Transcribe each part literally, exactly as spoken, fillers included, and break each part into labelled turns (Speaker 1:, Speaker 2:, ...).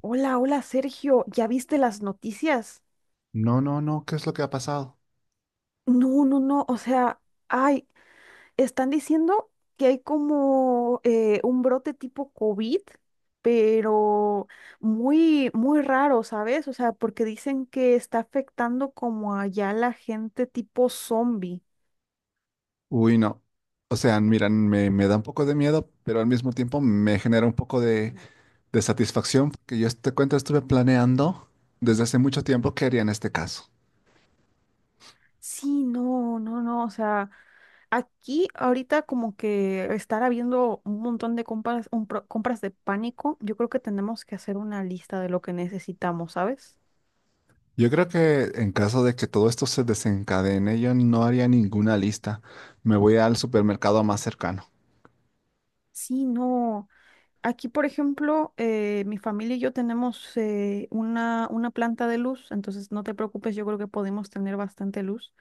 Speaker 1: Hola, hola Sergio, ¿ya viste las noticias?
Speaker 2: No, no, no, ¿qué es lo que ha pasado?
Speaker 1: No, no, no, o sea, ay, están diciendo que hay como eh, un brote tipo COVID, pero muy, muy raro, ¿sabes? O sea, porque dicen que está afectando como allá la gente tipo zombie.
Speaker 2: Uy, no. O sea, miran, me, me da un poco de miedo, pero al mismo tiempo me genera un poco de, de satisfacción, porque yo te cuento, estuve planeando desde hace mucho tiempo qué haría en este caso.
Speaker 1: Sí, no, no, no, o sea, aquí ahorita como que estar habiendo un montón de compras, un pro- compras de pánico, yo creo que tenemos que hacer una lista de lo que necesitamos, ¿sabes?
Speaker 2: Yo creo que en caso de que todo esto se desencadene, yo no haría ninguna lista. Me voy al supermercado más cercano.
Speaker 1: Sí, no. Aquí, por ejemplo, eh, mi familia y yo tenemos eh, una, una planta de luz, entonces no te preocupes, yo creo que podemos tener bastante luz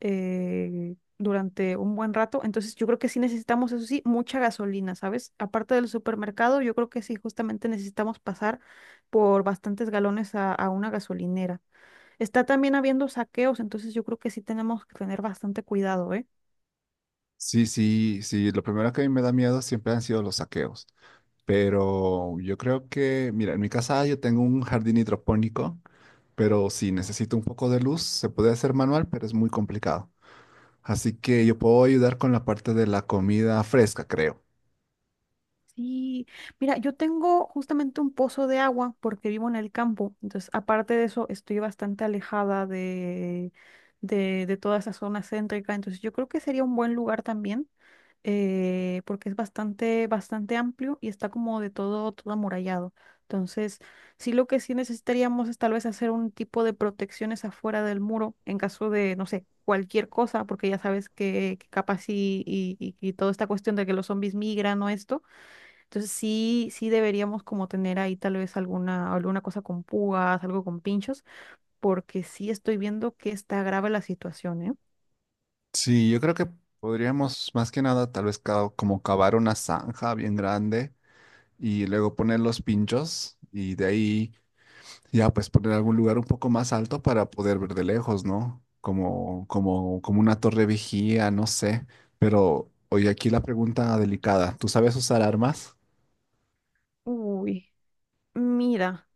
Speaker 1: eh, durante un buen rato. Entonces yo creo que sí necesitamos, eso sí, mucha gasolina, ¿sabes? Aparte del supermercado, yo creo que sí, justamente necesitamos pasar por bastantes galones a, a una gasolinera. Está también habiendo saqueos, entonces yo creo que sí tenemos que tener bastante cuidado, ¿eh?
Speaker 2: Sí, sí, sí, lo primero que a mí me da miedo siempre han sido los saqueos. Pero yo creo que, mira, en mi casa yo tengo un jardín hidropónico, pero si necesito un poco de luz, se puede hacer manual, pero es muy complicado. Así que yo puedo ayudar con la parte de la comida fresca, creo.
Speaker 1: Sí, mira, yo tengo justamente un pozo de agua porque vivo en el campo, entonces aparte de eso estoy bastante alejada de, de, de toda esa zona céntrica, entonces yo creo que sería un buen lugar también eh, porque es bastante, bastante amplio y está como de todo, todo amurallado. Entonces, sí lo que sí necesitaríamos es tal vez hacer un tipo de protecciones afuera del muro en caso de, no sé, cualquier cosa, porque ya sabes que, que capaz y, y, y y toda esta cuestión de que los zombies migran o esto. Entonces sí, sí deberíamos como tener ahí tal vez alguna, alguna cosa con púas, algo con pinchos, porque sí estoy viendo que está grave la situación, ¿eh?
Speaker 2: Sí, yo creo que podríamos más que nada tal vez ca- como cavar una zanja bien grande y luego poner los pinchos y de ahí ya pues poner algún lugar un poco más alto para poder ver de lejos, ¿no? Como, como, como una torre vigía, no sé. Pero oye, aquí la pregunta delicada, ¿tú sabes usar armas?
Speaker 1: Uy, mira.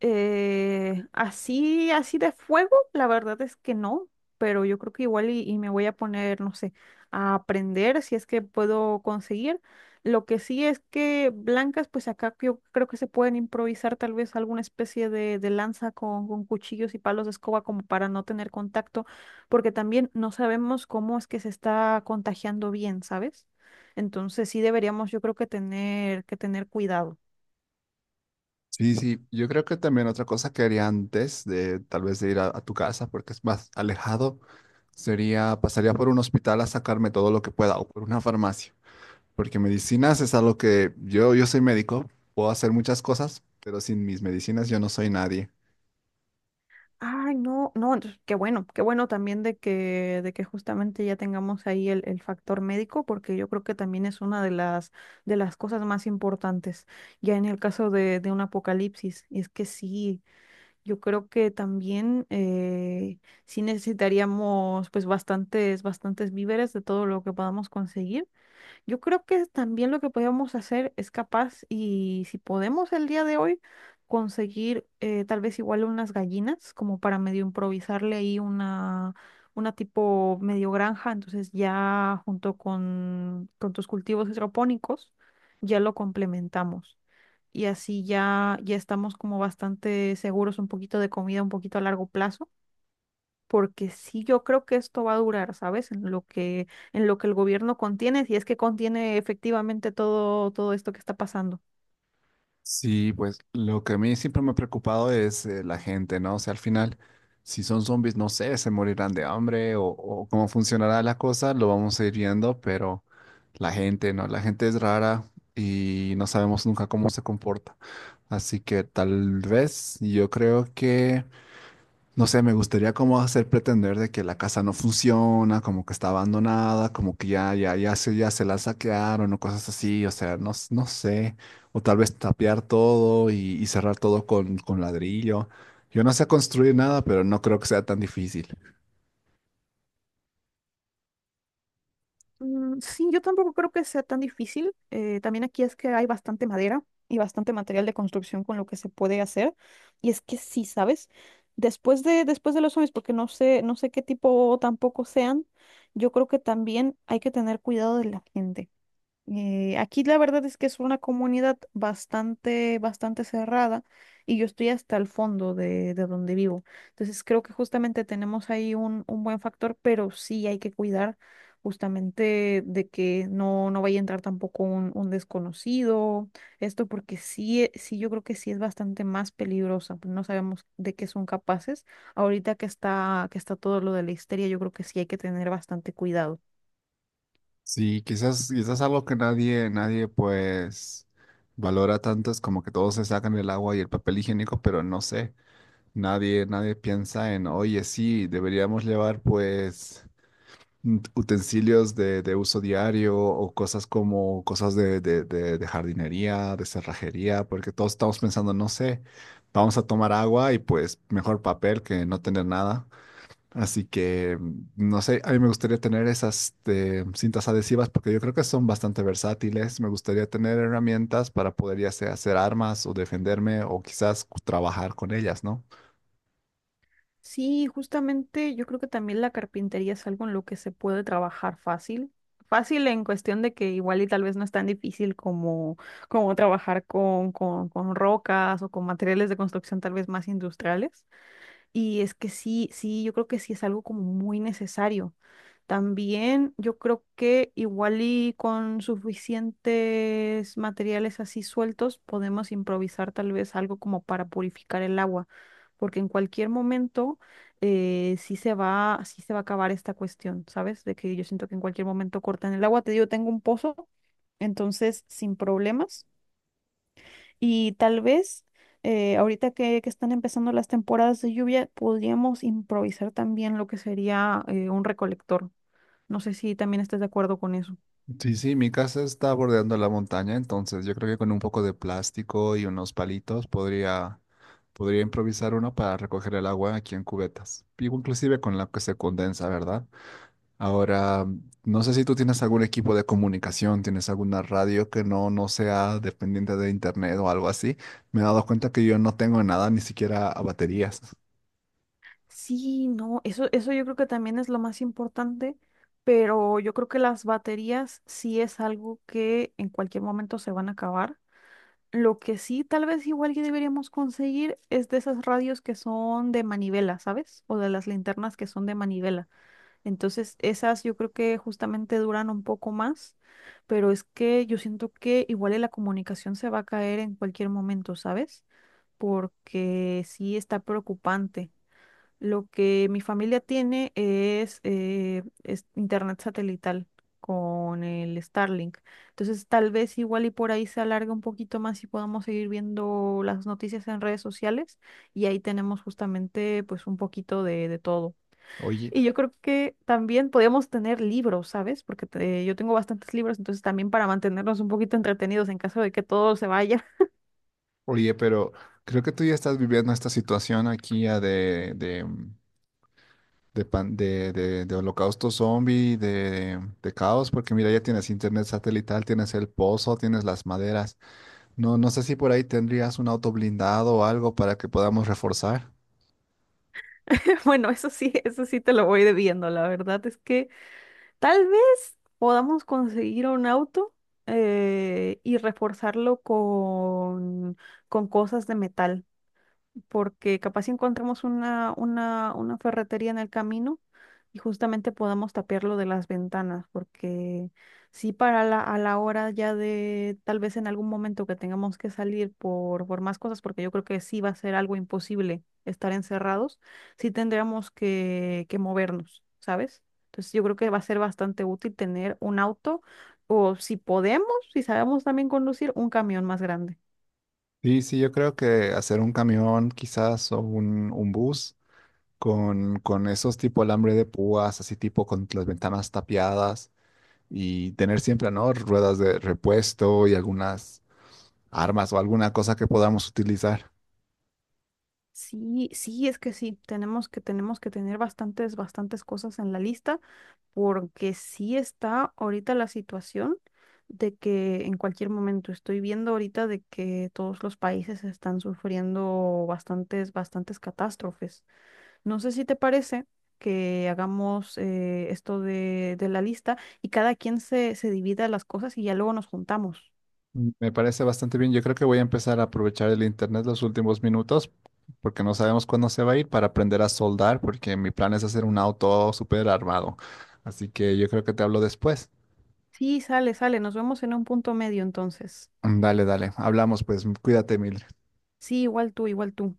Speaker 1: Eh, así, así de fuego, la verdad es que no, pero yo creo que igual y, y me voy a poner, no sé, a aprender si es que puedo conseguir. Lo que sí es que blancas, pues acá yo creo que se pueden improvisar tal vez alguna especie de, de lanza con, con cuchillos y palos de escoba como para no tener contacto, porque también no sabemos cómo es que se está contagiando bien, ¿sabes? Entonces sí deberíamos, yo creo que tener, que tener cuidado.
Speaker 2: Sí, sí, yo creo que también otra cosa que haría antes de tal vez de ir a, a tu casa, porque es más alejado, sería pasaría por un hospital a sacarme todo lo que pueda o por una farmacia, porque medicinas es algo que yo, yo soy médico, puedo hacer muchas cosas, pero sin mis medicinas yo no soy nadie.
Speaker 1: Ay, no, no, entonces, qué bueno, qué bueno también de que, de que justamente ya tengamos ahí el, el factor médico, porque yo creo que también es una de las, de las cosas más importantes, ya en el caso de, de un apocalipsis. Y es que sí, yo creo que también eh, sí necesitaríamos pues bastantes, bastantes víveres de todo lo que podamos conseguir. Yo creo que también lo que podemos hacer es capaz, y si podemos el día de hoy, conseguir eh, tal vez igual unas gallinas, como para medio improvisarle ahí una, una tipo medio granja, entonces ya junto con, con tus cultivos hidropónicos, ya lo complementamos. Y así ya, ya estamos como bastante seguros un poquito de comida, un poquito a largo plazo porque sí yo creo que esto va a durar, ¿sabes? En lo que, en lo que el gobierno contiene, si es que contiene efectivamente todo, todo esto que está pasando.
Speaker 2: Sí, pues lo que a mí siempre me ha preocupado es eh, la gente, ¿no? O sea, al final, si son zombies, no sé, se morirán de hambre o, o cómo funcionará la cosa, lo vamos a ir viendo, pero la gente, ¿no? La gente es rara y no sabemos nunca cómo se comporta. Así que tal vez yo creo que no sé, me gustaría como hacer pretender de que la casa no funciona, como que está abandonada, como que ya, ya, ya se, ya se la saquearon o cosas así, o sea, no, s- no sé. O tal vez tapiar todo y, y cerrar todo con, con ladrillo. Yo no sé construir nada, pero no creo que sea tan difícil.
Speaker 1: Mm, sí, yo tampoco creo que sea tan difícil. Eh, también aquí es que hay bastante madera y bastante material de construcción con lo que se puede hacer. Y es que sí, ¿sabes? Después de, después de los zombies, porque no sé, no sé qué tipo tampoco sean, yo creo que también hay que tener cuidado de la gente. Eh, aquí la verdad es que es una comunidad bastante, bastante cerrada y yo estoy hasta el fondo de, de donde vivo. Entonces creo que justamente tenemos ahí un, un buen factor, pero sí hay que cuidar justamente de que no, no vaya a entrar tampoco un, un desconocido, esto porque sí, e- sí yo creo que sí es bastante más peligrosa, pues no sabemos de qué son capaces. Ahorita que está, que está todo lo de la histeria, yo creo que sí hay que tener bastante cuidado.
Speaker 2: Sí, quizás, quizás algo que nadie, nadie pues valora tanto es como que todos se sacan el agua y el papel higiénico, pero no sé, nadie, nadie piensa en, oye, sí, deberíamos llevar pues mm, utensilios de, de uso diario o cosas como cosas de, de- de- de jardinería, de cerrajería, porque todos estamos pensando, no sé, vamos a tomar agua y pues mejor papel que no tener nada. Así que, mm, no sé, a mí me gustaría tener esas este, cintas adhesivas porque yo creo que son bastante versátiles. Me gustaría tener herramientas para poder ya sea hacer armas o defenderme o quizás trabajar con ellas, ¿no?
Speaker 1: Sí, justamente yo creo que también la carpintería es algo en lo que se puede trabajar fácil. Fácil en cuestión de que igual y tal vez no es tan difícil como, como trabajar con, con, con rocas o con materiales de construcción tal vez más industriales. Y es que sí, sí, yo creo que sí es algo como muy necesario. También yo creo que igual y con suficientes materiales así sueltos podemos improvisar tal vez algo como para purificar el agua, porque en cualquier momento eh, sí se va, sí se va a acabar esta cuestión, ¿sabes? De que yo siento que en cualquier momento cortan el agua. Te digo, tengo un pozo, entonces sin problemas. Y tal vez eh, ahorita que, que están empezando las temporadas de lluvia, podríamos improvisar también lo que sería eh, un recolector. No sé si también estás de acuerdo con eso.
Speaker 2: Sí, sí, mi casa está bordeando la montaña, entonces yo creo que con un poco de plástico y unos palitos podría, podría improvisar uno para recoger el agua aquí en cubetas, y inclusive con la que se condensa, ¿verdad? Ahora, no sé si tú tienes algún equipo de comunicación, tienes alguna radio que no, no sea dependiente de internet o algo así. Me he dado cuenta que yo no tengo nada, ni siquiera a baterías.
Speaker 1: Sí, no, eso, eso yo creo que también es lo más importante, pero yo creo que las baterías sí es algo que en cualquier momento se van a acabar. Lo que sí, tal vez igual que deberíamos conseguir es de esas radios que son de manivela, ¿sabes? O de las linternas que son de manivela. Entonces, esas yo creo que justamente duran un poco más, pero es que yo siento que igual y la comunicación se va a caer en cualquier momento, ¿sabes? Porque sí está preocupante. Lo que mi familia tiene es, eh, es internet satelital con el Starlink. Entonces, tal vez igual y por ahí se alargue un poquito más y podamos seguir viendo las noticias en redes sociales y ahí tenemos justamente pues un poquito de, de todo.
Speaker 2: Oye,
Speaker 1: Y yo creo que también podríamos tener libros, ¿sabes? Porque te- yo tengo bastantes libros, entonces también para mantenernos un poquito entretenidos en caso de que todo se vaya.
Speaker 2: oye, pero creo que tú ya estás viviendo esta situación aquí ya de, de de, pan- de, de, de holocausto zombie, de, de caos, porque mira, ya tienes internet satelital, tienes el pozo, tienes las maderas. No, no sé si por ahí tendrías un auto blindado o algo para que podamos reforzar.
Speaker 1: Bueno, eso sí, eso sí te lo voy debiendo. La verdad es que tal vez podamos conseguir un auto eh, y reforzarlo con, con cosas de metal porque capaz si encontramos una, una, una ferretería en el camino y justamente podamos tapiarlo de las ventanas, porque sí para la, a la hora ya de tal vez en algún momento que tengamos que salir por, por más cosas, porque yo creo que sí va a ser algo imposible estar encerrados, sí tendríamos que, que movernos, ¿sabes? Entonces yo creo que va a ser bastante útil tener un auto o si podemos, si sabemos también conducir, un camión más grande.
Speaker 2: Sí, sí, yo creo que hacer un camión quizás o un, un bus con, con esos tipo alambre de púas, así tipo con las ventanas tapiadas y tener siempre, ¿no? Ruedas de repuesto y algunas armas o alguna cosa que podamos utilizar.
Speaker 1: Sí, sí, es que sí, tenemos que, tenemos que tener bastantes, bastantes cosas en la lista, porque sí está ahorita la situación de que en cualquier momento estoy viendo ahorita de que todos los países están sufriendo bastantes, bastantes catástrofes. No sé si te parece que hagamos eh, esto de, de la lista y cada quien se, se divida las cosas y ya luego nos juntamos.
Speaker 2: Me parece bastante bien. Yo creo que voy a empezar a aprovechar el internet los últimos minutos porque no sabemos cuándo se va a ir, para aprender a soldar, porque mi plan es hacer un auto súper armado. Así que yo creo que te hablo después.
Speaker 1: Sí, sale, sale, nos vemos en un punto medio entonces.
Speaker 2: Dale, dale. Hablamos pues. Cuídate mil.
Speaker 1: Sí, igual tú, igual tú.